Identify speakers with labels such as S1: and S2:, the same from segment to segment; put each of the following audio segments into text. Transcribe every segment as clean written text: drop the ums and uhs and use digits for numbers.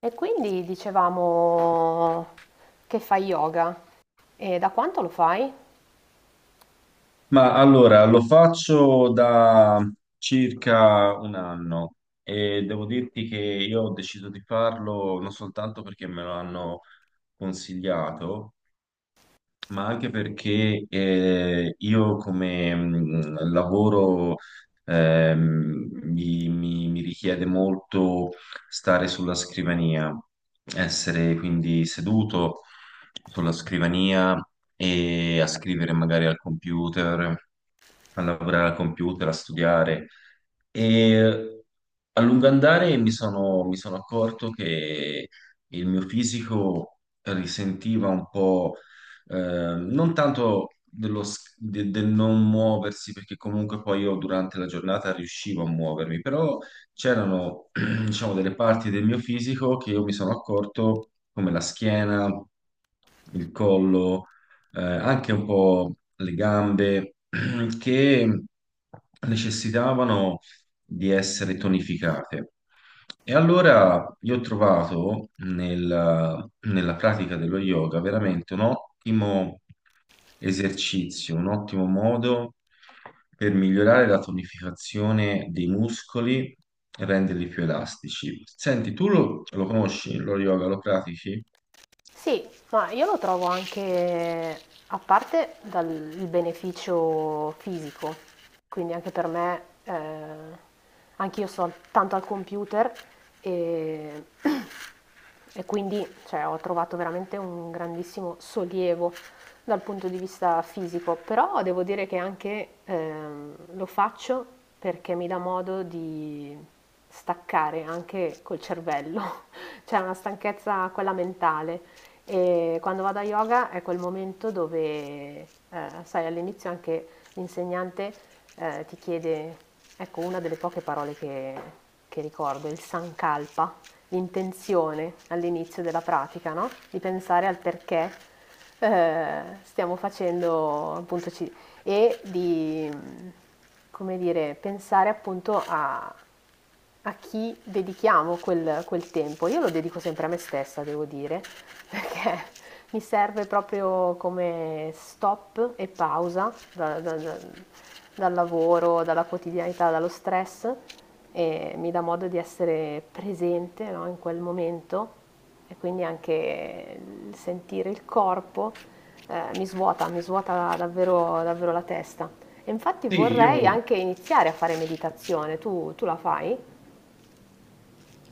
S1: E quindi dicevamo che fai yoga e da quanto lo fai?
S2: Ma allora lo faccio da circa un anno e devo dirti che io ho deciso di farlo non soltanto perché me lo hanno consigliato, ma anche perché io come lavoro mi richiede molto stare sulla scrivania, essere quindi seduto sulla scrivania e a scrivere magari al computer, a lavorare al computer, a studiare. E a lungo andare mi sono accorto che il mio fisico risentiva un po', eh, non tanto del non muoversi, perché comunque poi io durante la giornata riuscivo a muovermi, però c'erano, diciamo, delle parti del mio fisico che io mi sono accorto, come la schiena, il collo, anche un po' le gambe, che necessitavano di essere tonificate. E allora io ho trovato nella pratica dello yoga veramente un ottimo esercizio, un ottimo modo per migliorare la tonificazione dei muscoli e renderli più elastici. Senti, tu lo conosci, lo yoga, lo pratichi?
S1: Sì, ma io lo trovo anche, a parte dal il beneficio fisico, quindi anche per me, anch'io sto al- tanto al computer e, e quindi cioè, ho trovato veramente un grandissimo sollievo dal punto di vista fisico, però devo dire che anche lo faccio perché mi dà modo di staccare anche col cervello, c'è una stanchezza quella mentale e quando vado a yoga è quel momento dove, sai, all'inizio anche l'insegnante ti chiede, ecco, una delle poche parole che ricordo, il sankalpa, l'intenzione all'inizio della pratica, no? Di pensare al perché stiamo facendo, appunto, ci- e di, come dire, pensare appunto a, a chi dedichiamo quel tempo. Io lo dedico sempre a me stessa, devo dire, perché mi serve proprio come stop e pausa dal lavoro, dalla quotidianità, dallo stress e mi dà modo di essere presente, no, in quel momento e quindi anche il sentire il corpo mi svuota davvero, davvero la testa. E infatti
S2: Sì,
S1: vorrei
S2: io.
S1: anche iniziare a fare meditazione, tu la fai?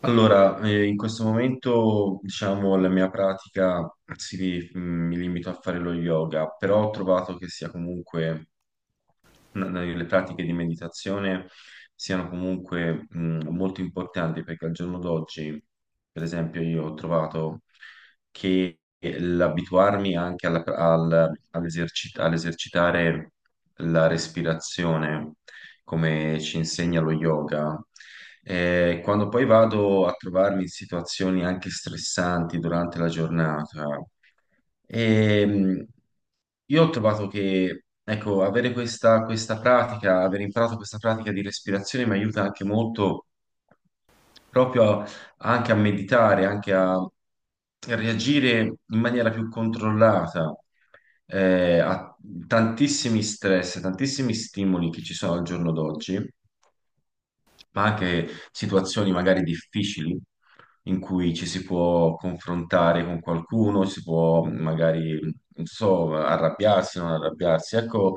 S2: Allora, in questo momento, diciamo, la mia pratica mi limito a fare lo yoga, però ho trovato che sia comunque le pratiche di meditazione siano comunque molto importanti, perché al giorno d'oggi, per esempio, io ho trovato che l'abituarmi anche all'esercitare la respirazione come ci insegna lo yoga. E quando poi vado a trovarmi in situazioni anche stressanti durante la giornata, e, io ho trovato che, ecco, avere questa pratica, aver imparato questa pratica di respirazione mi aiuta anche molto proprio a- anche a meditare, anche a reagire in maniera più controllata a tantissimi stress, tantissimi stimoli che ci sono al giorno d'oggi, ma anche situazioni magari difficili in cui ci si può confrontare con qualcuno, si può magari, non so, arrabbiarsi, non arrabbiarsi. Ecco,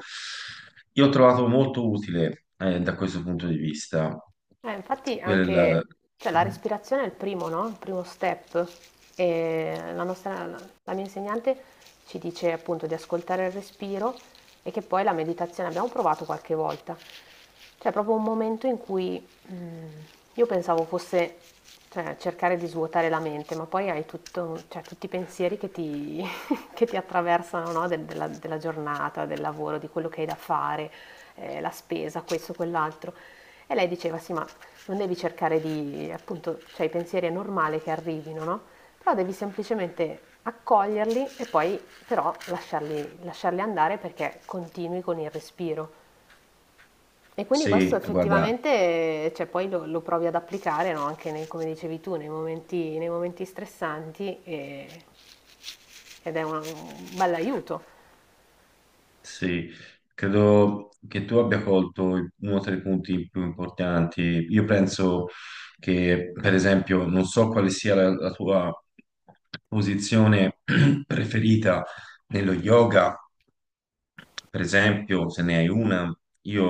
S2: io ho trovato molto utile, da questo punto di vista,
S1: Infatti
S2: quel...
S1: anche, cioè, la respirazione è il primo, no? Il primo step. E la mia insegnante ci dice appunto di ascoltare il respiro e che poi la meditazione abbiamo provato qualche volta. Cioè, è proprio un momento in cui mm, io pensavo fosse, cioè, cercare di svuotare la mente, ma poi hai tutto- cioè, tutti i pensieri che ti, che ti attraversano, no? Del- della giornata, del lavoro, di quello che hai da fare, la spesa, questo, quell'altro. E lei diceva, sì, ma non devi cercare di, appunto, cioè i pensieri è normale che arrivino, no? Però devi semplicemente accoglierli e poi però lasciarli, lasciarli andare perché continui con il respiro. E quindi questo
S2: Sì, guarda.
S1: effettivamente, cioè, poi lo provi ad applicare, no? Anche nei- come dicevi tu, nei momenti stressanti e- ed è un bell'aiuto.
S2: Sì, credo che tu abbia colto uno dei punti più importanti. Io penso che, per esempio, non so quale sia la tua posizione preferita nello yoga, per esempio, se ne hai una. Io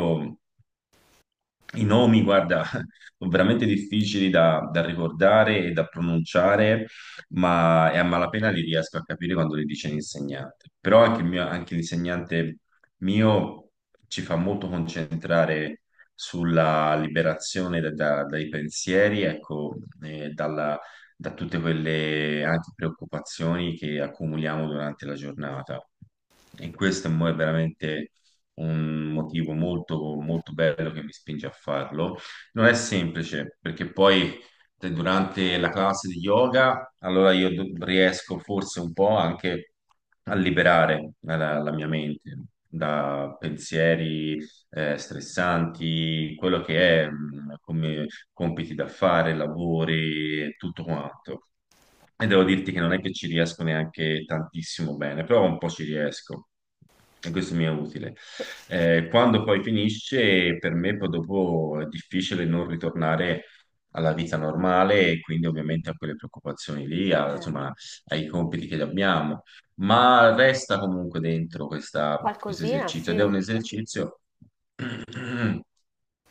S2: i nomi, guarda, sono veramente difficili da ricordare e da pronunciare, ma e a malapena li riesco a capire quando li dice l'insegnante. Però anche, anche l'insegnante mio ci fa molto concentrare sulla liberazione dai pensieri, ecco, e da tutte quelle anche preoccupazioni che accumuliamo durante la giornata. E questo è veramente un motivo molto, molto bello che mi spinge a farlo. Non è semplice, perché poi durante la classe di yoga, allora riesco forse un po' anche a liberare la mia mente da pensieri stressanti, quello che è, come compiti da fare, lavori e tutto quanto. E devo dirti che non è che ci riesco neanche tantissimo bene, però un po' ci riesco. E questo mi è utile. Quando poi finisce, per me poi dopo è difficile non ritornare alla vita normale e quindi ovviamente a quelle preoccupazioni lì,
S1: Eh,
S2: insomma, ai compiti che abbiamo, ma resta comunque dentro questo
S1: qualcosina,
S2: esercizio, ed è
S1: sì.
S2: un esercizio.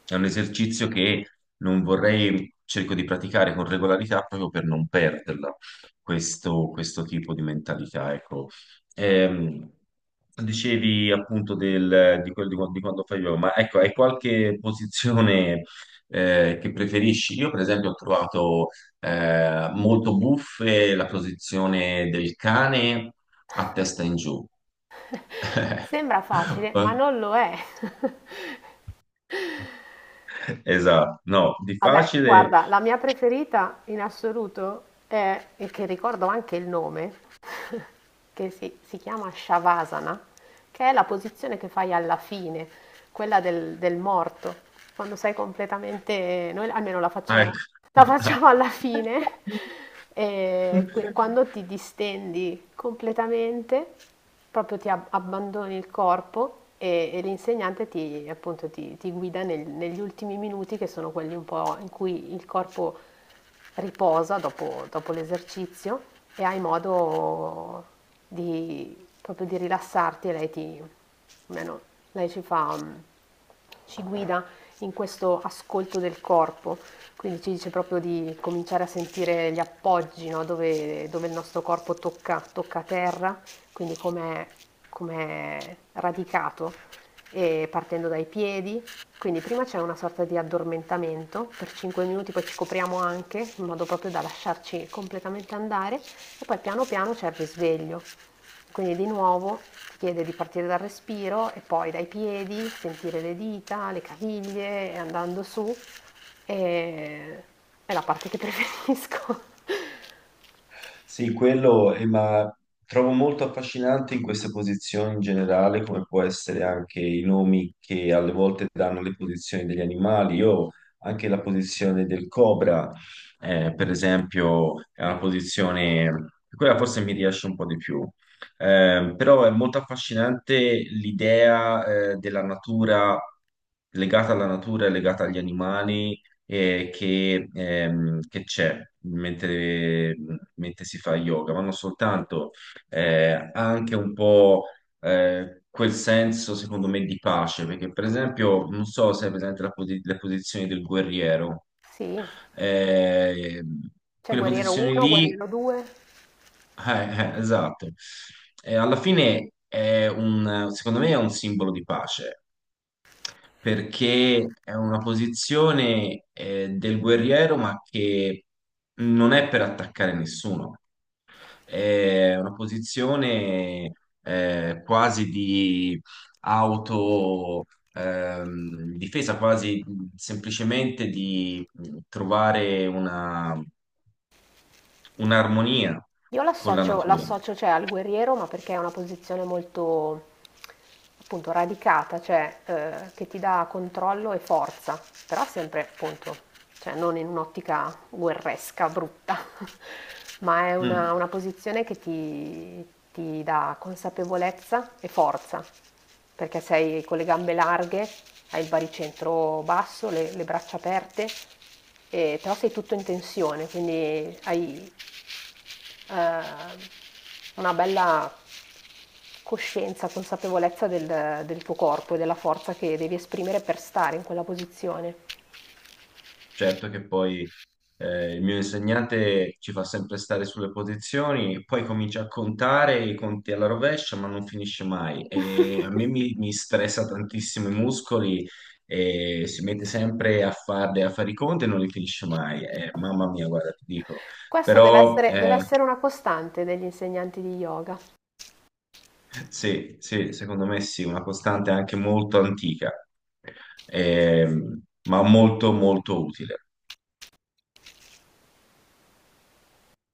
S2: È un esercizio che non vorrei, cerco di praticare con regolarità proprio per non perderla, questo tipo di mentalità, ecco. Ehm, dicevi appunto di quando fai yoga, ma ecco, hai qualche posizione che preferisci? Io per esempio ho trovato molto buffe la posizione del cane a testa in giù.
S1: Sembra facile, ma non lo è.
S2: Esatto, no, di
S1: Vabbè,
S2: facile.
S1: guarda, la mia preferita in assoluto è, e che ricordo anche il nome, che si chiama Shavasana, che è la posizione che fai alla fine, quella del, del morto, quando sei completamente, noi almeno
S2: Ah, ecco.
S1: la facciamo alla fine, que- quando ti distendi completamente, proprio ti ab- abbandoni il corpo e l'insegnante ti, appunto, ti- ti guida nel- negli ultimi minuti che sono quelli un po' in cui il corpo riposa dopo, dopo l'esercizio e hai modo di, proprio di rilassarti e lei ti, almeno lei ci fa, ci guida in questo ascolto del corpo. Quindi ci dice proprio di cominciare a sentire gli appoggi, no? Dove, dove il nostro corpo tocca, tocca terra, quindi come è radicato, e partendo dai piedi. Quindi prima c'è una sorta di addormentamento per 5 minuti, poi ci copriamo anche in modo proprio da lasciarci completamente andare e poi piano piano c'è il risveglio. Quindi di nuovo ti chiede di partire dal respiro e poi dai piedi, sentire le dita, le caviglie e andando su. E... è la parte che preferisco.
S2: Sì, quello, ma trovo molto affascinante in queste posizioni in generale, come può essere anche i nomi che alle volte danno le posizioni degli animali. Io anche la posizione del cobra, per esempio, è una posizione, quella forse mi riesce un po' di più. Però è molto affascinante l'idea, della natura, legata alla natura e legata agli animali che c'è mentre, mentre si fa yoga, ma non soltanto, ha anche un po' quel senso, secondo me, di pace, perché per esempio, non so se è presente le posizioni del guerriero,
S1: Sì,
S2: eh,
S1: c'è
S2: quelle
S1: guerriero
S2: posizioni
S1: 1,
S2: lì,
S1: guerriero 2.
S2: eh, esatto. Alla fine è un, secondo me è un simbolo di pace, perché è una posizione del guerriero, ma che non è per attaccare nessuno. È una posizione quasi di auto difesa, quasi semplicemente di trovare un'armonia
S1: Io
S2: con la
S1: l'associo,
S2: natura.
S1: l'associo, cioè, al guerriero, ma perché è una posizione molto appunto radicata, cioè che ti dà controllo e forza, però sempre appunto, cioè, non in un'ottica guerresca, brutta, ma è
S2: Mm.
S1: una posizione che ti dà consapevolezza e forza, perché sei con le gambe larghe, hai il baricentro basso, le braccia aperte, e- però sei tutto in tensione, quindi hai eh, una bella coscienza, consapevolezza del, del tuo corpo e della forza che devi esprimere per stare in quella posizione.
S2: Certo che poi il mio insegnante ci fa sempre stare sulle posizioni, poi comincia a contare i conti alla rovescia, ma non finisce mai. E a me mi stressa tantissimo i muscoli, e si mette sempre a farle, a fare i conti, e non li finisce mai. Mamma mia, guarda, ti dico.
S1: Questo
S2: Però
S1: deve essere una costante degli insegnanti di yoga.
S2: sì, sì, secondo me sì, una costante anche molto antica, ma molto, molto utile.